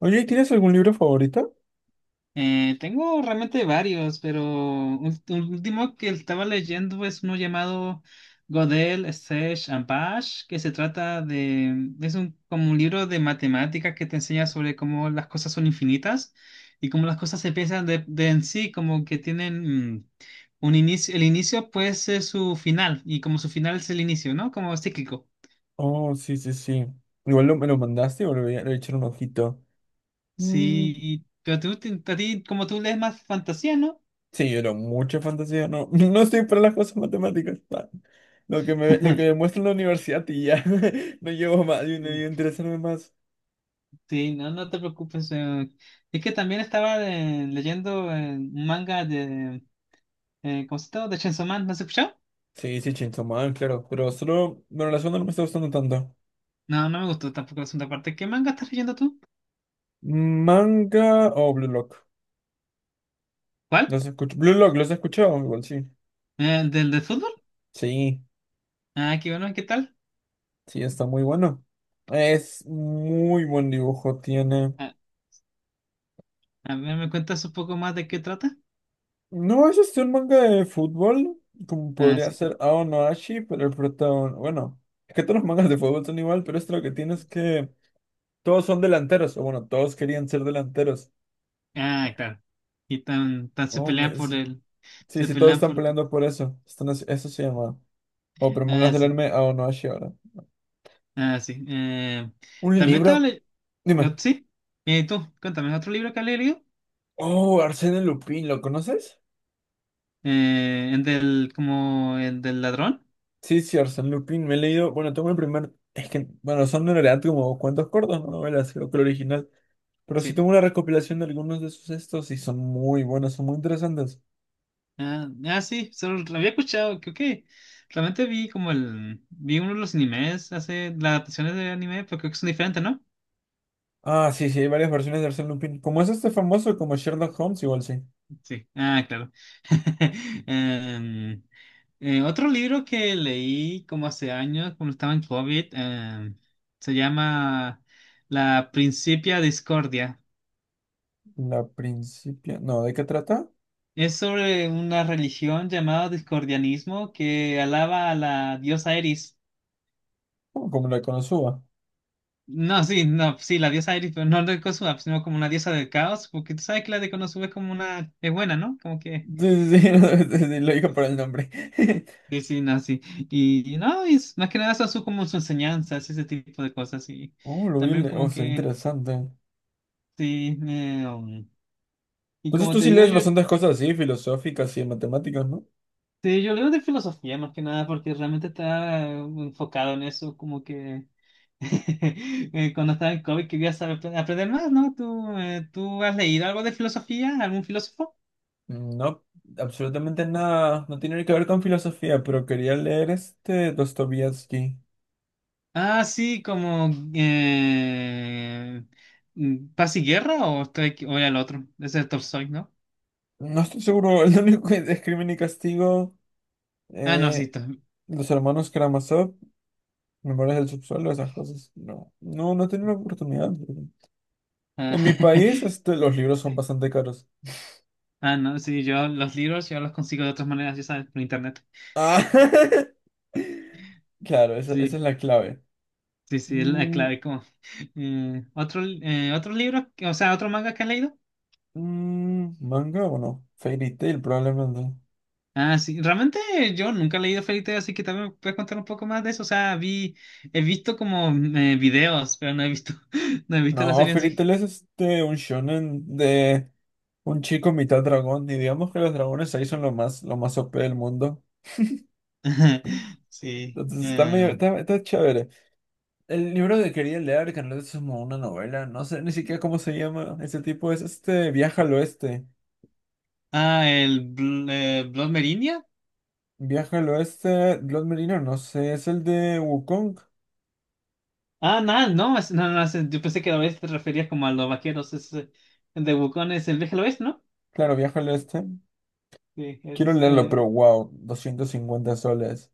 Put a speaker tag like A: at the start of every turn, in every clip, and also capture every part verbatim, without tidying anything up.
A: Oye, ¿tienes algún libro favorito?
B: Eh, tengo realmente varios, pero ul- el último que estaba leyendo es uno llamado Godel, Sage and Bash, que se trata de, es un, como un libro de matemáticas que te enseña sobre cómo las cosas son infinitas y cómo las cosas se piensan de, de en sí, como que tienen mm, un inicio, el inicio puede ser su final y como su final es el inicio, ¿no? Como cíclico.
A: Oh, sí, sí, sí. Igual lo- me lo mandaste o le voy a le voy a echar un ojito. Mm.
B: Sí, y- pero tú, te- a ti, como tú lees más fantasía, ¿no?
A: Sí, pero mucha fantasía, no, no estoy para las cosas matemáticas. Pa. Lo que me, lo que me muestra en la universidad y ya, no llevo más, yo no interesarme más.
B: Sí, no, no te preocupes. eh, Es que también estaba eh, leyendo eh, un manga de... Eh, ¿cómo se llama? De Chainsaw Man, ¿no has escuchado?
A: Sí, sí, Chainsaw Man, claro, pero solo, bueno, la segunda no me está gustando tanto.
B: No, no me gustó tampoco la segunda parte. ¿Qué manga estás leyendo tú?
A: Manga o Blue Lock,
B: ¿Cuál?
A: los escucho, Blue Lock, los he escuchado, igual sí.
B: Eh, ¿del de fútbol?
A: Sí,
B: Ah, qué bueno, ¿qué tal?
A: sí, está muy bueno. Es muy buen dibujo, tiene.
B: Ah, a ver, ¿me cuentas un poco más de qué trata?
A: No, es este un manga de fútbol, como
B: Ah,
A: podría
B: sí.
A: ser Ao no Ashi, pero el protagonista, bueno, es que todos los mangas de fútbol son igual, pero esto lo que tiene es que todos son delanteros, o bueno, todos querían ser delanteros.
B: Ah, claro. Y tan, tan se
A: Oh,
B: pelean
A: me-
B: por
A: sí,
B: el...
A: sí,
B: Se
A: sí, todos
B: pelean
A: están
B: por...
A: peleando por eso. Están haci- eso se llama. Oh, pero mangas
B: Ah,
A: del
B: sí.
A: anime Ao no Ashi ahora.
B: Ah, sí. Eh,
A: Un
B: también estaba
A: libro,
B: leyendo...
A: dime.
B: ¿Sí? ¿Y tú? Cuéntame, ¿otro libro que has leído?
A: Oh, Arsène Lupin, ¿lo conoces?
B: Eh, el del, como, el del ladrón.
A: Sí, sí, Arsène Lupin, me he leído, bueno, tengo el primer, es que, bueno, son en realidad como cuentos cortos, no novelas, creo que el original. Pero sí
B: Sí.
A: tengo una recopilación de algunos de sus estos y son muy buenos, son muy interesantes.
B: Ah, ah, sí, solo lo había escuchado, creo. Ok, realmente vi como el, vi uno de los animes, hace las adaptaciones de anime, pero creo que son diferentes, ¿no?
A: Ah, sí, sí, hay varias versiones de Arsène Lupin. Como es este famoso, como Sherlock Holmes, igual sí.
B: Sí. Ah, claro. Em, eh, Otro libro que leí como hace años, cuando estaba en COVID, em, se llama La Principia Discordia.
A: La principia... No, ¿de qué trata?
B: Es sobre una religión llamada discordianismo que alaba a la diosa Eris.
A: Oh, como la Konosuba.
B: No, sí, no, sí, la diosa Iris, pero no no de Konosuba, sino como una diosa del caos, porque tú sabes que la de Konosuba es como una, es buena, ¿no? Como que,
A: Sí, sí, sí, sí, sí, lo digo por el nombre.
B: sí, sí, no, sí. Y, y no, y es, más que nada son su, como sus enseñanzas, ese tipo de cosas, y
A: Oh, lo vi, en
B: también
A: la- oh,
B: como
A: se ve
B: que,
A: interesante.
B: sí, eh, um, y
A: Entonces
B: como
A: tú
B: te
A: sí
B: digo,
A: lees
B: yo,
A: bastantes cosas así, filosóficas y matemáticas, ¿no?
B: sí, yo leo de filosofía más que nada, porque realmente está eh, enfocado en eso, como que, eh, cuando estaba en COVID quería saber, aprender más, ¿no? ¿Tú, eh, tú has leído algo de filosofía, algún filósofo?
A: Mm, No, absolutamente nada. No tiene que ver con filosofía, pero quería leer este Dostoyevsky.
B: Ah, sí, como eh, mm, Paz y Guerra o estoy aquí- o era el otro, ese es Tolstoy, ¿no?
A: No estoy seguro, el único que es Crimen y Castigo,
B: Ah, no, sí,
A: eh,
B: to-
A: los hermanos Karamazov, Memorias del Subsuelo, esas cosas. No, no, no he tenido la oportunidad.
B: ah,
A: En mi país, este, los libros son
B: sí.
A: bastante caros.
B: Ah, no, sí, yo los libros yo los consigo de otras maneras, ya sabes, por internet.
A: Ah, claro, esa, esa es
B: Sí,
A: la clave.
B: sí, sí, es la
A: Mm,
B: clave como eh, otro eh, otro libro, o sea, otro manga que has leído.
A: mm, ¿manga o no? Fairy Tail, probablemente.
B: Ah, sí, realmente yo nunca he leído Fairy Tail, así que también me puedes contar un poco más de eso. O sea, vi he visto como eh, videos, pero no he visto no he visto la
A: No,
B: serie en
A: Fairy
B: sí.
A: Tail es este, un shonen de un chico mitad dragón, y digamos que los dragones ahí son lo más, lo más O P del mundo.
B: Sí.
A: Entonces está medio,
B: Eh,
A: está, está chévere. El libro que quería leer, que no es como una novela, no sé ni siquiera cómo se llama ese tipo, es este Viaja al Oeste.
B: ah, el Bl eh, Blood Meridian.
A: Viaja al Oeste, Blood Merino, no sé, es el de Wukong.
B: Ah, no, no, es- no, no, es- yo pensé que a veces te referías como a los vaqueros. Es, eh, de Wukong es el viaje al oeste, ¿no?
A: Claro, Viaja al Oeste.
B: Sí, ese
A: Quiero
B: es,
A: leerlo,
B: eh,
A: pero wow, doscientos cincuenta soles,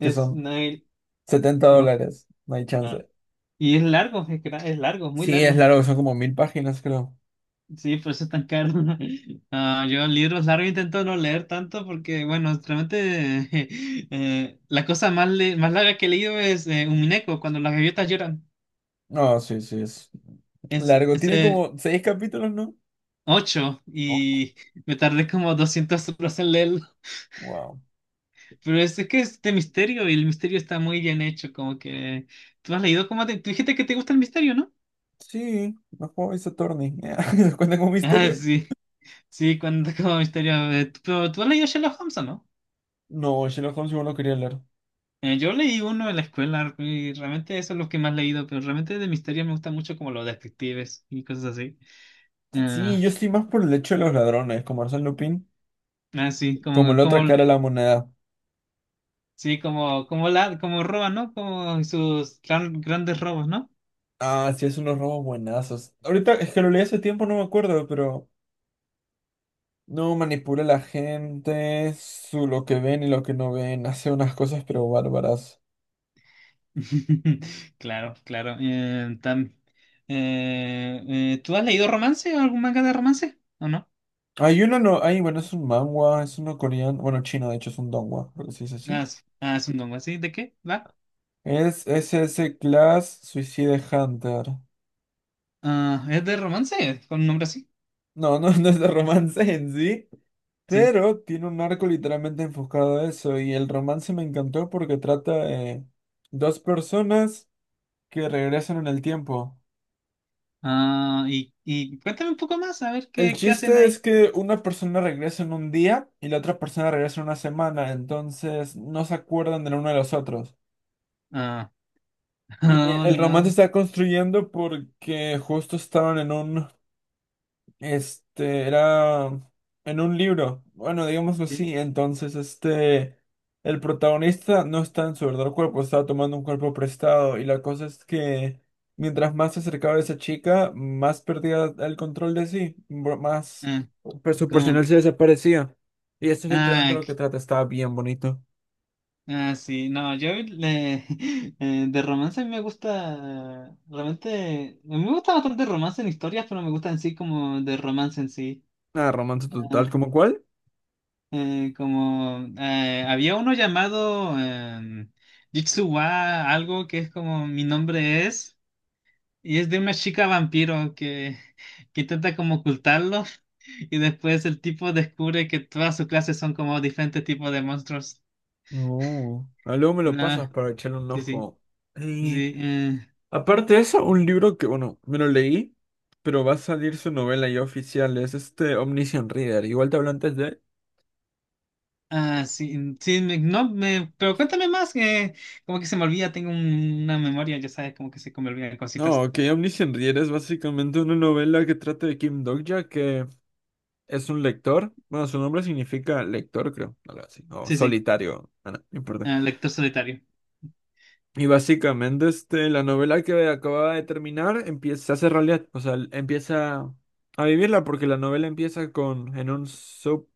A: que son
B: Nile.
A: setenta
B: Ok,
A: dólares, no hay
B: ah.
A: chance.
B: Y es largo, es, gra- es largo, muy
A: Sí, es
B: largo.
A: largo, son como mil páginas, creo.
B: Sí, por eso es tan caro. Ah, yo libros largos intento no leer tanto porque, bueno, realmente eh, eh, la cosa más, le- más larga que he leído es eh, Umineko, cuando las gaviotas lloran.
A: No, sí, sí, es
B: Es,
A: largo. Tiene
B: ese
A: como seis capítulos, ¿no?
B: ocho
A: Oh,
B: y me tardé como doscientas horas en leerlo.
A: wow.
B: Pero es, es que es de misterio y el misterio está muy bien hecho, como que... ¿Tú has leído como te... Tú dijiste que te gusta el misterio, ¿no?
A: Sí, no juego Ace Attorney. ¿Se cuenta como
B: Ah,
A: misterio?
B: sí, sí, cuando como misterio... eh, tú- Pero tú has leído Sherlock Holmes, ¿o ¿no?
A: No, Sherlock Holmes igual no quería leer.
B: Eh, yo leí uno en la escuela y realmente eso es lo que más he leído, pero realmente de misterio me gusta mucho como los detectives y cosas así. Ah,
A: Sí, yo estoy más por el hecho de los ladrones, como Arsène Lupin,
B: ah, sí,
A: como
B: como,
A: la otra
B: como,
A: cara de la moneda.
B: sí, como, como la, como roban, ¿no? Como sus gran- grandes robos, ¿no?
A: Ah, sí, es unos robos buenazos. Ahorita es que lo leí hace tiempo, no me acuerdo, pero no manipula a la gente, su, lo que ven y lo que no ven, hace unas cosas pero bárbaras.
B: Claro, claro. Eh, tam- eh, eh, ¿tú has leído romance o algún manga de romance? ¿O no?
A: Hay uno, no, hay, bueno, es un manhwa, es uno coreano, bueno, chino, de hecho es un donghua, creo que se dice
B: Ah,
A: así.
B: es, ah, es un dongo así. ¿De qué? ¿Va?
A: Es S S Class Suicide Hunter.
B: Ah, ¿es de romance? ¿Con un nombre así?
A: No, no, no es de romance en sí.
B: Sí.
A: Pero tiene un arco literalmente enfocado a eso y el romance me encantó porque trata de dos personas que regresan en el tiempo.
B: Ah, y, y cuéntame un poco más, a ver
A: El
B: qué, qué hacen
A: chiste es
B: ahí.
A: que una persona regresa en un día y la otra persona regresa en una semana, entonces no se acuerdan del uno de los otros.
B: Ah,
A: Y
B: oh,
A: el romance
B: no.
A: se está construyendo porque justo estaban en un Este era en un libro, bueno, digámoslo
B: Sí.
A: así. Entonces, este, el protagonista no está en su verdadero cuerpo, estaba tomando un cuerpo prestado. Y la cosa es que mientras más se acercaba a esa chica, más perdía el control de sí, bro- más
B: Ah,
A: pues, su
B: como
A: personal
B: que-
A: se desaparecía. Y eso es literalmente
B: Ah,
A: lo que
B: c-
A: trata, estaba bien bonito.
B: ah, sí. No, yo le- eh, de romance a mí me gusta. Realmente. Me gusta bastante romance en historias, pero me gusta en sí como de romance en sí.
A: Nada, romance total,
B: Ah,
A: ¿como cuál?
B: eh, como eh, había uno llamado em, Jitsuwa, algo que es como mi nombre es, y es de una chica vampiro que, que intenta como ocultarlo, y después el tipo descubre que todas sus clases son como diferentes tipos de monstruos.
A: No, ah, luego me
B: Y
A: lo pasas
B: nada,
A: para echarle un
B: sí, sí,
A: ojo.
B: sí. Eh,
A: Aparte de eso, un libro que, bueno, me lo leí, pero va a salir su novela ya oficial, es este Omniscient Reader. Igual te hablo antes de...
B: ah, sí, sí, me- no, me, pero cuéntame más, que como que se me olvida, tengo un- una memoria, ya sabes, como que se me olvidan
A: No,
B: cositas.
A: ok, Omniscient Reader es básicamente una novela que trata de Kim Dokja, que es un lector. Bueno, su nombre significa lector, creo, algo así, o
B: Sí, sí,
A: solitario, ah, no, no importa.
B: eh, lector solitario.
A: Y básicamente, este, la novela que acaba de terminar empieza, se hace realidad, o sea, empieza a vivirla porque la novela empieza con, en un sub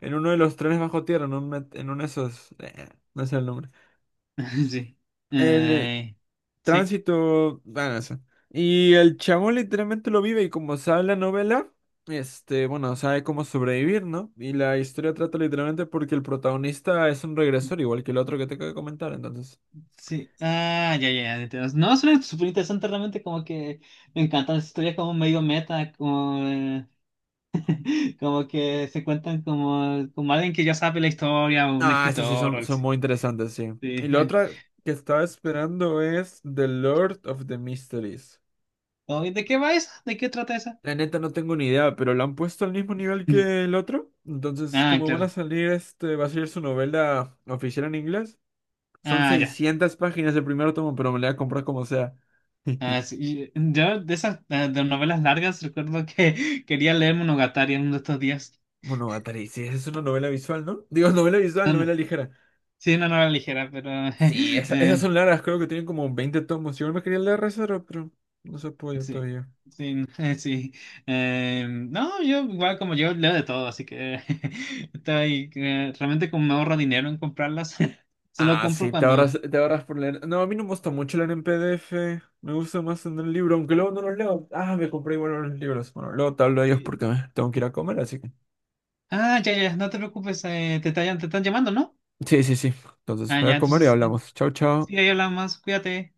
A: En uno de los trenes bajo tierra, en, un en uno de esos. Eh, no sé el nombre.
B: Sí.
A: El eh,
B: Eh, sí.
A: tránsito. Bueno, eso. Y el chabón literalmente lo vive y como sabe la novela, este, bueno, sabe cómo sobrevivir, ¿no? Y la historia trata literalmente porque el protagonista es un regresor, igual que el otro que te acabo de comentar, entonces.
B: Sí. Ah, ya, ya, ya, entiendo. No, suena súper interesante realmente, como que me encantan las historias como medio meta, como, eh, como que se cuentan como, como alguien que ya sabe la historia, o un
A: Ah, esas sí
B: escritor, o
A: son,
B: algo
A: son
B: así.
A: muy interesantes, sí. Y
B: Sí.
A: la
B: ah.
A: otra que estaba esperando es The Lord of the Mysteries.
B: Oh, ¿y ¿De qué va esa? ¿De qué trata esa?
A: La neta no tengo ni idea, pero lo han puesto al mismo nivel
B: Mm.
A: que el otro. Entonces,
B: Ah,
A: como van a
B: claro.
A: salir, este, va a salir su novela oficial en inglés. Son
B: Ah, ya.
A: seiscientas páginas el primer tomo, pero me la voy a comprar como sea.
B: Ah, sí. y- mm, Yo de esas eh, de novelas largas recuerdo que quería leer Monogatari en uno de estos días.
A: Monogatari, sí, esa es una novela visual, ¿no? Digo, novela visual,
B: No, no.
A: novela ligera.
B: Sí, una novela ligera, pero
A: Sí, esa- esas
B: eh,
A: son largas, creo que tienen como veinte tomos. Igual me quería leer Rezaro, pero no se ha podido
B: sí,
A: todavía.
B: sí, sí. Eh, no, yo igual como yo leo de todo, así que estoy eh, realmente como me ahorro dinero en comprarlas, solo
A: Ah,
B: compro
A: sí, te
B: cuando.
A: ahorras, te ahorras por leer. No, a mí no me gusta mucho leer en P D F. Me gusta más en el libro, aunque luego no los leo. Ah, me compré igual los libros. Bueno, luego te hablo de ellos
B: Sí.
A: porque me tengo que ir a comer, así que.
B: Ah, ya, ya, no te preocupes, eh, te, tallan- te están llamando, ¿no?
A: Sí, sí, sí. Entonces
B: Ah,
A: voy
B: ya,
A: a comer y
B: entonces, eh,
A: hablamos. Chao, chao.
B: sí, ahí hablamos, cuídate.